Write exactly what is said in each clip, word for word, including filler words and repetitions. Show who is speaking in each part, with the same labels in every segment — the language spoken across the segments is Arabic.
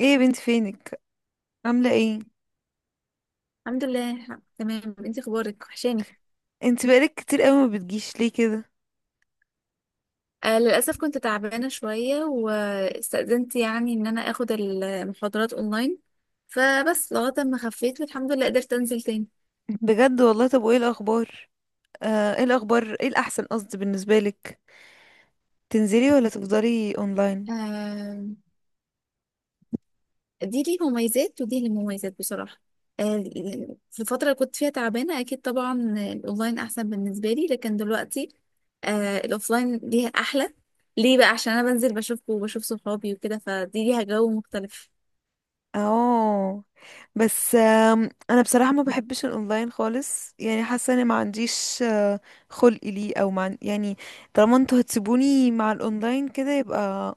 Speaker 1: ايه يا بنت، فينك؟ عامله ايه؟
Speaker 2: الحمد لله تمام، انت اخبارك؟ وحشاني.
Speaker 1: انت بقالك كتير قوي ما بتجيش ليه كده؟
Speaker 2: آه للاسف كنت تعبانه شويه واستأذنت يعني ان انا اخد المحاضرات اونلاين، فبس لغايه ما خفيت والحمد لله قدرت انزل تاني.
Speaker 1: بجد والله. طب وايه الاخبار؟ آه، ايه الاخبار، ايه الاحسن قصدي بالنسبه لك؟ تنزلي ولا تفضلي اونلاين؟
Speaker 2: آه دي ليه مميزات ودي ليه مميزات بصراحه. آه في الفتره اللي كنت فيها تعبانه اكيد طبعا الاونلاين احسن بالنسبه لي، لكن دلوقتي آه الاوفلاين ليها احلى. ليه بقى؟ عشان انا بنزل بشوفكم وبشوف صحابي وكده، فدي ليها جو مختلف.
Speaker 1: اه. بس آم، انا بصراحه ما بحبش الاونلاين خالص، يعني حاسه اني ما عنديش آه، خلق ليه او مع، يعني طالما انتوا هتسيبوني مع الاونلاين كده، يبقى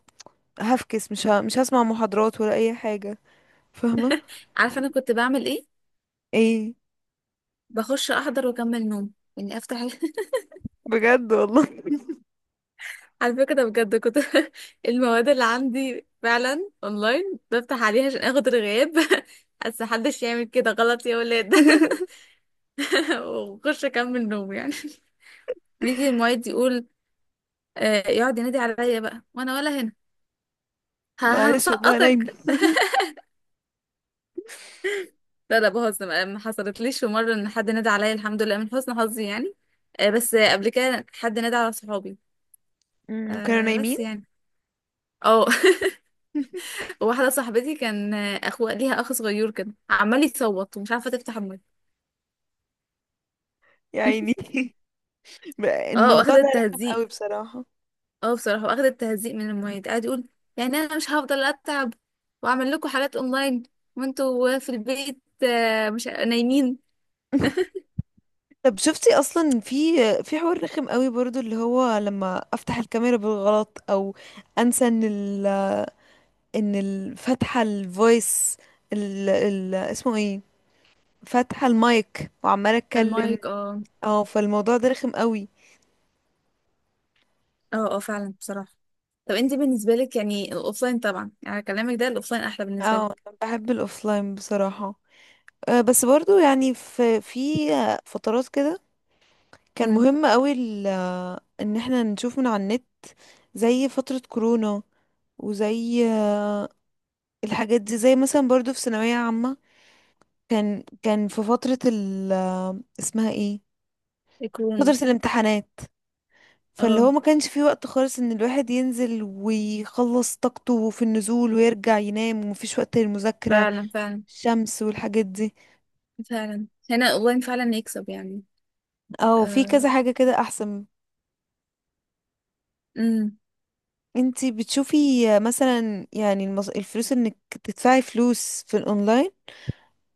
Speaker 1: هفكس، مش ه... مش هسمع محاضرات ولا اي حاجه. فاهمه؟
Speaker 2: عارفه انا كنت بعمل ايه؟
Speaker 1: ايه؟
Speaker 2: بخش احضر واكمل نوم، يعني افتح ال-
Speaker 1: بجد والله.
Speaker 2: على فكره ده بجد كنت المواد اللي عندي فعلا اونلاين بفتح عليها عشان اخد الغياب. بس محدش يعمل كده، غلط يا ولاد. واخش اكمل نوم يعني. بيجي المعيد يقول، آه، يقعد ينادي عليا بقى وانا ولا هنا. ه-
Speaker 1: معلش والله، نايمة.
Speaker 2: هسقطك. لا لا، بهزر. ما ما حصلتليش في مره ان حد نادى عليا، الحمد لله من حسن حظي يعني. آه، بس آه، قبل كده حد نادى على صحابي.
Speaker 1: أمم، كانوا
Speaker 2: آه،
Speaker 1: نايمين.
Speaker 2: بس يعني اه واحدة صاحبتي كان اخو ليها، اخ صغير كده عمال يصوت ومش عارفة تفتح المايك.
Speaker 1: يا عيني. بقى
Speaker 2: اه،
Speaker 1: الموضوع
Speaker 2: واخدة
Speaker 1: ده رخم
Speaker 2: التهزيق.
Speaker 1: قوي بصراحة.
Speaker 2: اه بصراحة، واخدة التهزيق من المعيد قاعد يقول، يعني انا مش هفضل اتعب واعمل لكم حالات اونلاين وانتوا في البيت آه، مش نايمين.
Speaker 1: طب شفتي اصلا؟ في في حوار رخم قوي برضو، اللي هو لما افتح الكاميرا بالغلط، او انسى ان ال ان ال- فاتحة الفويس. ال ال اسمه ايه، فاتحة المايك وعمالة اتكلم.
Speaker 2: المايك اه.
Speaker 1: اه، فالموضوع ده رخم قوي.
Speaker 2: اه اه فعلا بصراحة. طب انت بالنسبة لك يعني الاوفلاين طبعا، يعني كلامك ده الاوفلاين احلى بالنسبة
Speaker 1: اه،
Speaker 2: لك.
Speaker 1: أنا بحب الاوفلاين بصراحة. آه، بس برضو يعني، في في فترات كده كان
Speaker 2: امم.
Speaker 1: مهم قوي ال- ان احنا نشوف من على النت، زي فترة كورونا، وزي آه، الحاجات دي، زي مثلا برضو في ثانوية عامة، كان كان في فترة ال آه، اسمها ايه،
Speaker 2: الكورونا.
Speaker 1: فترة الامتحانات، فاللي
Speaker 2: اه
Speaker 1: هو ما كانش فيه وقت خالص ان الواحد ينزل ويخلص طاقته في النزول ويرجع ينام ومفيش وقت للمذاكرة.
Speaker 2: فعلا فعلا،
Speaker 1: الشمس والحاجات دي.
Speaker 2: فعلا هنا الاونلاين فعلا يكسب يعني.
Speaker 1: او في كذا حاجة كده احسن.
Speaker 2: آه.
Speaker 1: انتي بتشوفي آه، مثلا يعني المص... الفلوس، انك تدفعي فلوس في الاونلاين،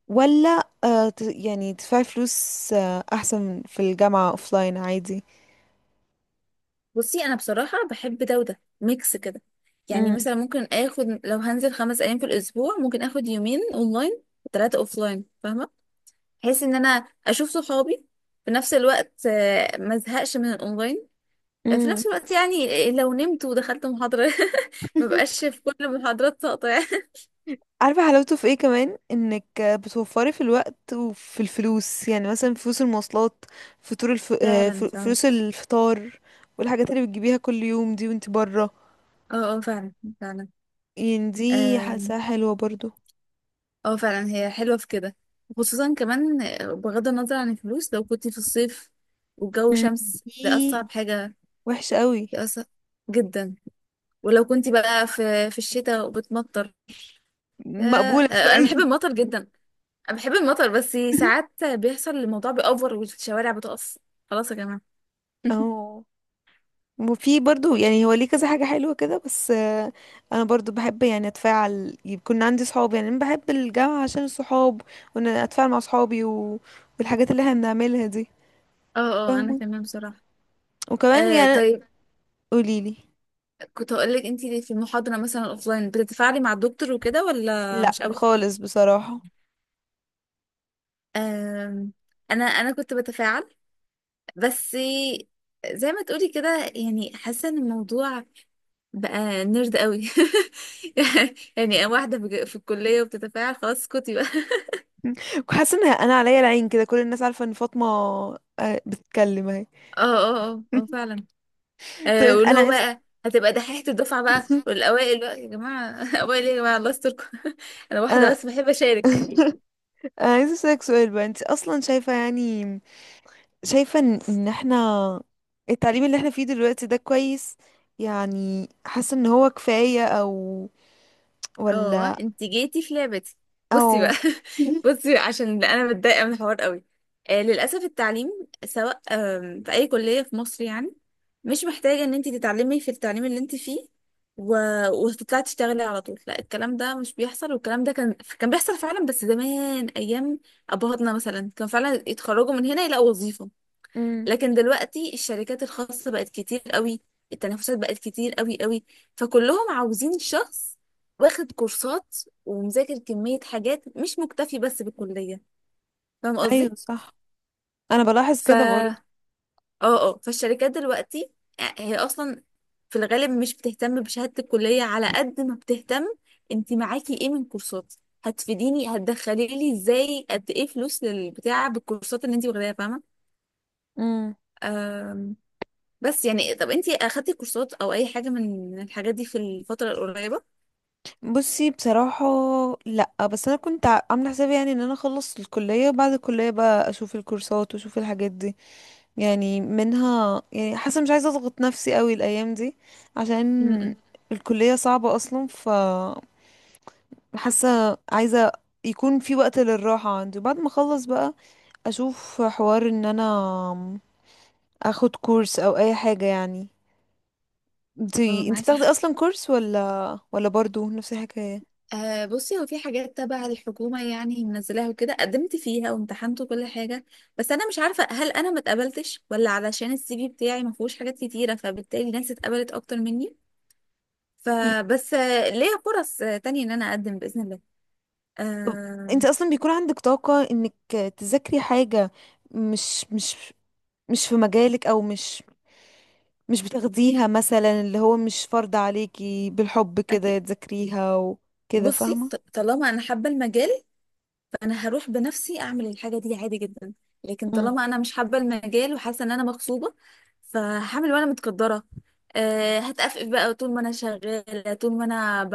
Speaker 1: ولا آه ت- يعني تدفعي فلوس آه احسن في الجامعة اوفلاين عادي؟
Speaker 2: بصي انا بصراحه بحب ده وده ميكس كده، يعني
Speaker 1: امم.
Speaker 2: مثلا ممكن اخد لو هنزل خمس ايام في الاسبوع، ممكن اخد يومين اونلاين وتلاته اوفلاين، فاهمه؟ بحيث ان انا اشوف صحابي، في نفس الوقت آه، ما ازهقش من الاونلاين. آه، في
Speaker 1: امم.
Speaker 2: نفس الوقت يعني لو نمت ودخلت محاضره، ما بقاش في كل المحاضرات ساقطه يعني.
Speaker 1: عارفة حلاوته في ايه كمان؟ انك بتوفري في الوقت وفي الفلوس، يعني مثلا فلوس المواصلات، فطور الف... آه، ف-
Speaker 2: فعلا فعلا.
Speaker 1: فلوس الفطار، والحاجات اللي بتجيبيها كل يوم دي وانت برا.
Speaker 2: اه اه فعلا
Speaker 1: يعني دي
Speaker 2: فعلا.
Speaker 1: حاساها حلوة برضو.
Speaker 2: اه فعلا، هي حلوة في كده، خصوصا كمان بغض النظر عن الفلوس، لو كنت في الصيف والجو شمس ده
Speaker 1: دي
Speaker 2: أصعب حاجة.
Speaker 1: وحشة قوي.
Speaker 2: دي أصعب جدا. ولو كنت بقى في في الشتاء وبتمطر، يا-
Speaker 1: مقبولة
Speaker 2: أنا
Speaker 1: شوية.
Speaker 2: بحب المطر جدا. أنا بحب المطر بس ساعات بيحصل الموضوع بيأوفر والشوارع بتقف. خلاص يا جماعة.
Speaker 1: اه، وفي برضو يعني هو ليه كذا حاجة حلوة كده، بس آه، انا برضو بحب يعني اتفاعل، يكون عندي صحاب، يعني انا بحب الجامعة عشان الصحاب، وان أنا اتفاعل مع صحابي و... والحاجات اللي احنا بنعملها دي.
Speaker 2: اه اه. أنا
Speaker 1: فاهمة؟
Speaker 2: كمان بصراحة.
Speaker 1: وكمان
Speaker 2: آه
Speaker 1: يعني،
Speaker 2: طيب،
Speaker 1: قوليلي.
Speaker 2: كنت هقولك انتي في المحاضرة مثلا الأوفلاين بتتفاعلي مع الدكتور وكده ولا مش
Speaker 1: لا،
Speaker 2: قوي؟
Speaker 1: خالص بصراحة.
Speaker 2: آم، انا انا كنت بتفاعل، بس زي ما تقولي كده، يعني حاسه ان الموضوع بقى نرد قوي. يعني واحده في في الكليه وبتتفاعل، خلاص اسكتي بقى.
Speaker 1: وحاسة ان انا عليا العين كده، كل الناس عارفة ان فاطمة آه، بتتكلم اهي.
Speaker 2: اه اه اه، آه، فعلا.
Speaker 1: طب
Speaker 2: آه واللي
Speaker 1: انا
Speaker 2: هو
Speaker 1: عايزة.
Speaker 2: بقى هتبقى دحيحة الدفعة بقى والأوائل بقى يا جماعة. أوائل إيه يا جماعة الله يستركم. أنا واحدة
Speaker 1: انا.
Speaker 2: بس بحب أشارك.
Speaker 1: انا عايزة اسألك سؤال بقى. انت اصلا شايفة يعني، شايفة ان إن احنا التعليم اللي احنا فيه دلوقتي ده كويس؟ يعني حاسة ان هو كفاية، او
Speaker 2: اه
Speaker 1: ولا
Speaker 2: انت جيتي في لعبتي. بصي
Speaker 1: او؟
Speaker 2: بقى. بصي بقى، عشان انا متضايقه من الحوار قوي. آه للاسف التعليم سواء آم، في اي كليه في مصر يعني، مش محتاجه ان انت تتعلمي في التعليم اللي انت فيه و... وتطلعي تشتغلي على طول. لا، الكلام ده مش بيحصل. والكلام ده كان كان بيحصل فعلا بس زمان، ايام ابهاتنا مثلا كان فعلا يتخرجوا من هنا يلاقوا وظيفه.
Speaker 1: امم.
Speaker 2: لكن دلوقتي الشركات الخاصة بقت كتير قوي، التنافسات بقت كتير قوي قوي. فكلهم عاوزين شخص واخد كورسات ومذاكر كمية حاجات، مش مكتفي بس بالكلية. فاهم قصدي؟
Speaker 1: ايوه، صح. انا بلاحظ
Speaker 2: ف
Speaker 1: كده برضه.
Speaker 2: اه اه، فالشركات دلوقتي آه، هي اصلا في الغالب مش بتهتم بشهادة الكلية على قد ما بتهتم انت معاكي ايه من كورسات، هتفيديني، هتدخلي لي ازاي، قد ايه فلوس للبتاع بالكورسات اللي انت واخداها.
Speaker 1: امم.
Speaker 2: فاهمة؟ بس يعني طب انتي اخدتي كورسات او اي حاجه من الحاجات دي في الفتره القريبه؟
Speaker 1: بصي بصراحة. لا، بس انا كنت ع- عاملة حسابي يعني ان انا اخلص الكلية، وبعد الكلية بقى اشوف الكورسات واشوف الحاجات دي. يعني منها يعني، حاسة مش عايزة اضغط نفسي قوي الايام دي، عشان
Speaker 2: امم.
Speaker 1: الكلية صعبة اصلا، ف حاسه عايزه يكون في وقت للراحه عندي، وبعد ما اخلص بقى اشوف حوار ان انا اخد كورس او اي حاجه يعني.
Speaker 2: اه
Speaker 1: انتي انتي
Speaker 2: معاكي
Speaker 1: بتاخدي
Speaker 2: حق.
Speaker 1: اصلا كورس، ولا ولا برضو نفس الحكايه؟
Speaker 2: آه بصي، هو في حاجات تبع الحكومة يعني منزلاها وكده، قدمت فيها وامتحنت وكل حاجة، بس أنا مش عارفة هل أنا ما اتقبلتش ولا علشان السي في بتاعي ما فيهوش حاجات كتيرة فبالتالي ناس اتقبلت أكتر مني.
Speaker 1: مم.
Speaker 2: فبس آه، ليا فرص آه، تانية إن أنا أقدم بإذن الله.
Speaker 1: طب
Speaker 2: آه
Speaker 1: انت اصلا بيكون عندك طاقه انك تذاكري حاجه مش مش مش في مجالك، او مش مش بتاخديها مثلا، اللي هو مش فرض عليكي بالحب كده
Speaker 2: أكيد.
Speaker 1: تذاكريها وكده،
Speaker 2: بصي
Speaker 1: فاهمه؟
Speaker 2: ط- طالما أنا حابة المجال، انا هروح بنفسي اعمل الحاجه دي عادي جدا. لكن طالما انا مش حابه المجال وحاسه ان انا مغصوبه، فهعمل وانا متقدره. أه، هتقفف بقى طول ما انا شغاله، طول ما انا ب...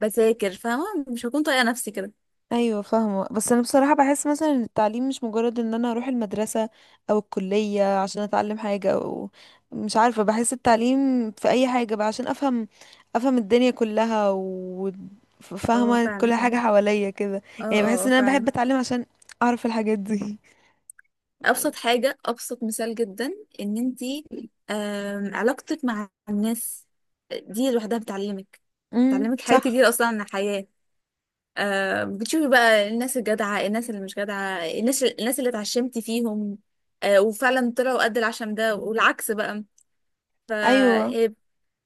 Speaker 2: بذاكر، فاهمه؟ مش هكون طايقه نفسي كده.
Speaker 1: ايوه فاهمه. بس انا بصراحه بحس مثلا ان التعليم مش مجرد ان انا اروح المدرسه او الكليه عشان اتعلم حاجه، او مش عارفه، بحس التعليم في اي حاجه بقى عشان افهم افهم الدنيا كلها
Speaker 2: اه
Speaker 1: وفاهمه
Speaker 2: فعلا
Speaker 1: كل حاجه
Speaker 2: فعلا.
Speaker 1: حواليا كده.
Speaker 2: اه
Speaker 1: يعني
Speaker 2: اه
Speaker 1: بحس
Speaker 2: آه،
Speaker 1: ان انا بحب
Speaker 2: فعلا.
Speaker 1: اتعلم عشان اعرف الحاجات دي.
Speaker 2: ابسط حاجه، ابسط مثال جدا، ان انتي آم، علاقتك مع الناس دي لوحدها بتعلمك،
Speaker 1: امم،
Speaker 2: بتعلمك حاجات
Speaker 1: صح.
Speaker 2: كتير اصلا عن الحياه. آه بتشوفي بقى الناس الجدعة، الناس اللي مش جدعة، الناس الناس اللي اتعشمتي فيهم آه وفعلا طلعوا قد العشم ده، والعكس بقى. ف
Speaker 1: ايوه.
Speaker 2: هي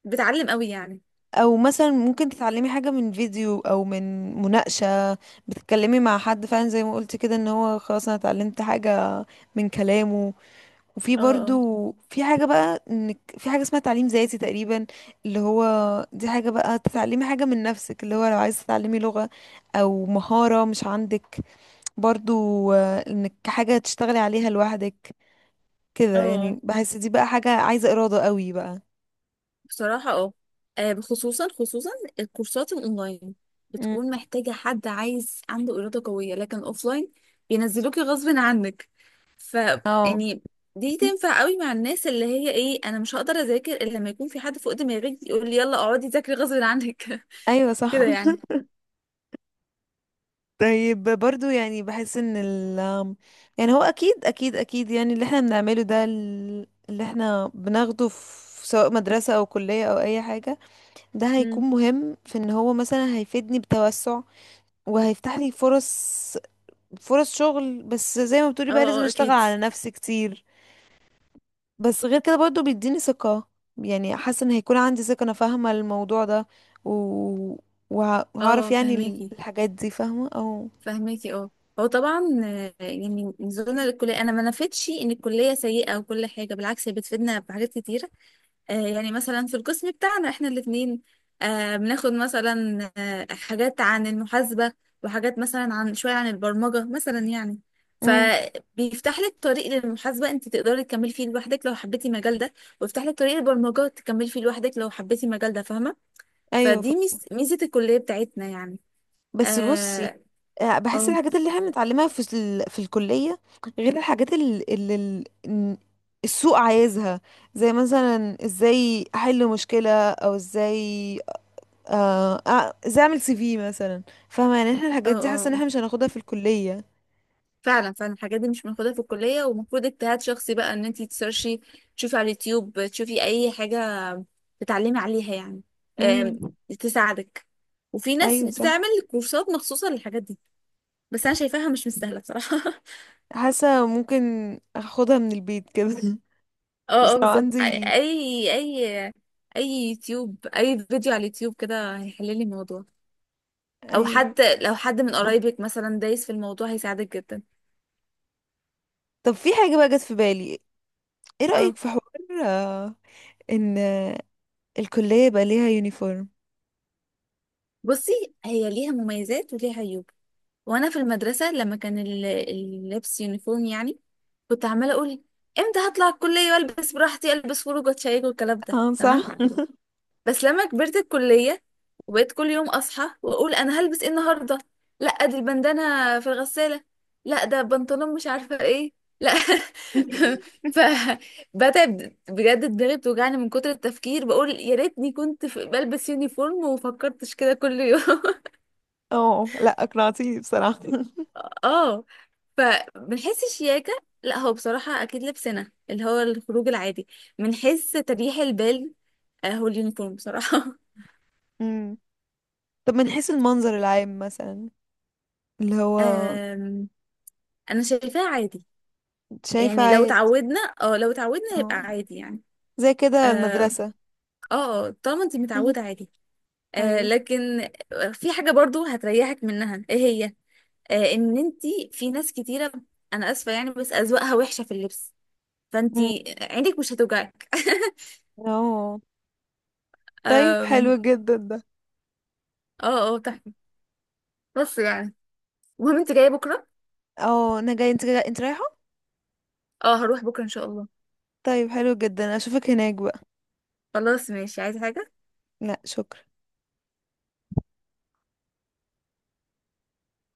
Speaker 2: بتعلم قوي يعني.
Speaker 1: او مثلا ممكن تتعلمي حاجه من فيديو او من مناقشه، بتتكلمي مع حد فعلا، زي ما قلت كده، ان هو خلاص انا اتعلمت حاجه من كلامه. وفي
Speaker 2: اه
Speaker 1: برضو في حاجة بقى، انك في حاجة اسمها تعليم ذاتي تقريبا، اللي هو دي حاجة بقى، تتعلمي حاجة من نفسك، اللي هو لو عايزة تتعلمي لغة او مهارة مش عندك، برضو آه، انك حاجة تشتغلي عليها لوحدك، كده
Speaker 2: اه، اه
Speaker 1: يعني، بحس دي بقى حاجة عايزة إرادة قوي بقى.
Speaker 2: بصراحة اه. آه، خصوصا خصوصا الكورسات الأونلاين
Speaker 1: مم.
Speaker 2: بتكون محتاجة حد عايز عنده إرادة قوية، لكن أوفلاين بينزلوكي غصب عنك. ف
Speaker 1: اه.
Speaker 2: يعني دي تنفع قوي مع الناس اللي هي ايه، انا مش هقدر اذاكر الا لما يكون في حد فوق دماغي يقول لي يلا اقعدي ذاكري غصب عنك.
Speaker 1: ايوه صح.
Speaker 2: كده يعني.
Speaker 1: طيب برضو يعني بحس ان ال، يعني هو اكيد اكيد اكيد، يعني اللي احنا بنعمله ده ال- اللي احنا بناخده في سواء مدرسة او كلية او اي حاجة، ده هيكون
Speaker 2: مم.
Speaker 1: مهم في ان هو مثلا هيفيدني بتوسع، وهيفتح لي فرص فرص شغل. بس زي ما بتقولي
Speaker 2: اه
Speaker 1: بقى لازم
Speaker 2: اه
Speaker 1: اشتغل
Speaker 2: اكيد.
Speaker 1: على نفسي كتير. بس غير كده برضو بيديني ثقة، يعني حاسة ان هيكون عندي ثقة، انا فاهمة الموضوع ده و... وه- وهعرف
Speaker 2: اه
Speaker 1: يعني ال-
Speaker 2: فهماكي،
Speaker 1: الحاجات دي، فاهمة؟ او
Speaker 2: فهماكي اه. هو طبعا آه، يعني نزولنا للكليه، انا ما نفدتش ان الكليه سيئه وكل حاجه، بالعكس هي بتفيدنا في حاجات كتيره. آه، يعني مثلا في القسم بتاعنا احنا الاثنين بناخد مثلا آه، حاجات عن المحاسبه وحاجات مثلا عن شويه عن البرمجه مثلا يعني.
Speaker 1: امم.
Speaker 2: فبيفتح لك طريق للمحاسبه انت تقدري تكملي فيه لوحدك لو حبيتي المجال ده، ويفتح لك طريق البرمجه تكملي فيه لوحدك لو حبيتي المجال ده، فاهمه؟
Speaker 1: ايوه. ف...
Speaker 2: فدي ميز- ميزة الكلية بتاعتنا يعني.
Speaker 1: بس بصي،
Speaker 2: اه
Speaker 1: آه، بحس
Speaker 2: اه
Speaker 1: الحاجات اللي احنا بنتعلمها في ال... في الكلية غير الحاجات اللي, اللي ال- إن السوق عايزها، زي مثلا ازاي احل مشكلة، او ازاي آه... آه، ازاي اعمل سي في مثلا. فاهمة يعني؟ احنا
Speaker 2: اه
Speaker 1: الحاجات دي حاسة ان
Speaker 2: آه.
Speaker 1: احنا مش هناخدها في الكلية.
Speaker 2: فعلا فعلا الحاجات دي مش بناخدها في الكلية، ومفروض اجتهاد شخصي بقى ان انتي تسيرشي، تشوفي على اليوتيوب، تشوفي اي حاجة تتعلمي عليها يعني، آم،
Speaker 1: امم.
Speaker 2: تساعدك. وفي ناس
Speaker 1: ايوه صح.
Speaker 2: بتعمل كورسات مخصوصة للحاجات دي، بس انا شايفاها مش مستاهلة بصراحة.
Speaker 1: حاسة ممكن اخدها من البيت كده. بس
Speaker 2: اه اه
Speaker 1: لو
Speaker 2: بالظبط، اي
Speaker 1: عندي
Speaker 2: اي اي يوتيوب، اي فيديو على اليوتيوب كده هيحللي الموضوع. او
Speaker 1: ايوه.
Speaker 2: حد، لو حد من قرايبك مثلا دايس في الموضوع هيساعدك جدا.
Speaker 1: طب في حاجة بقى جت في بالي. ايه
Speaker 2: اه
Speaker 1: رأيك في حوار آه، ان الكلية يبقى ليها يونيفورم؟
Speaker 2: بصي، هي ليها مميزات وليها عيوب. وانا في المدرسه لما كان ال- اللبس يونيفورم يعني، كنت عماله اقول امتى هطلع الكليه والبس براحتي، البس خروج واتشيك والكلام ده،
Speaker 1: اه
Speaker 2: تمام.
Speaker 1: صح.
Speaker 2: بس لما كبرت الكليه وبقيت كل يوم اصحى واقول انا هلبس ايه النهارده، لا دي البندانه في الغساله، لا ده بنطلون مش عارفه ايه، لا. ف بدأت بجد دماغي بتوجعني من كتر التفكير، بقول يا ريتني كنت في- بلبس يونيفورم وفكرتش كده كل يوم.
Speaker 1: اه، لا اقنعتيني بصراحة.
Speaker 2: اه، فبنحس الشياكة. لا هو بصراحة أكيد لبسنا اللي هو الخروج العادي بنحس تريح البال. آه، هو اليونيفورم بصراحة.
Speaker 1: مم. طب من حيث المنظر العام مثلا، اللي هو
Speaker 2: آم، أنا شايفاه عادي.
Speaker 1: شايفة
Speaker 2: يعني لو
Speaker 1: عيد؟
Speaker 2: اتعودنا، اه لو اتعودنا
Speaker 1: اه.
Speaker 2: يبقى عادي يعني.
Speaker 1: زي كده
Speaker 2: اه
Speaker 1: المدرسة.
Speaker 2: اه آه، طالما انت متعودة
Speaker 1: مهم.
Speaker 2: عادي. آه
Speaker 1: ايوه.
Speaker 2: لكن في حاجة برضو هتريحك منها، ايه هي؟ آه ان انت، في ناس كتيرة انا اسفة يعني بس اذواقها وحشة في اللبس، فانت
Speaker 1: مم.
Speaker 2: عينك مش هتوجعك.
Speaker 1: اه. طيب
Speaker 2: آم،
Speaker 1: حلو جدا ده.
Speaker 2: اه اه. بس يعني المهم انت جايه بكره؟
Speaker 1: اه انا جاي، انت جاي، انت رايحة؟
Speaker 2: اه هروح بكره ان شاء الله.
Speaker 1: طيب حلو جدا، اشوفك هناك بقى.
Speaker 2: خلاص ماشي، عايزه حاجه؟
Speaker 1: لا، شكرا.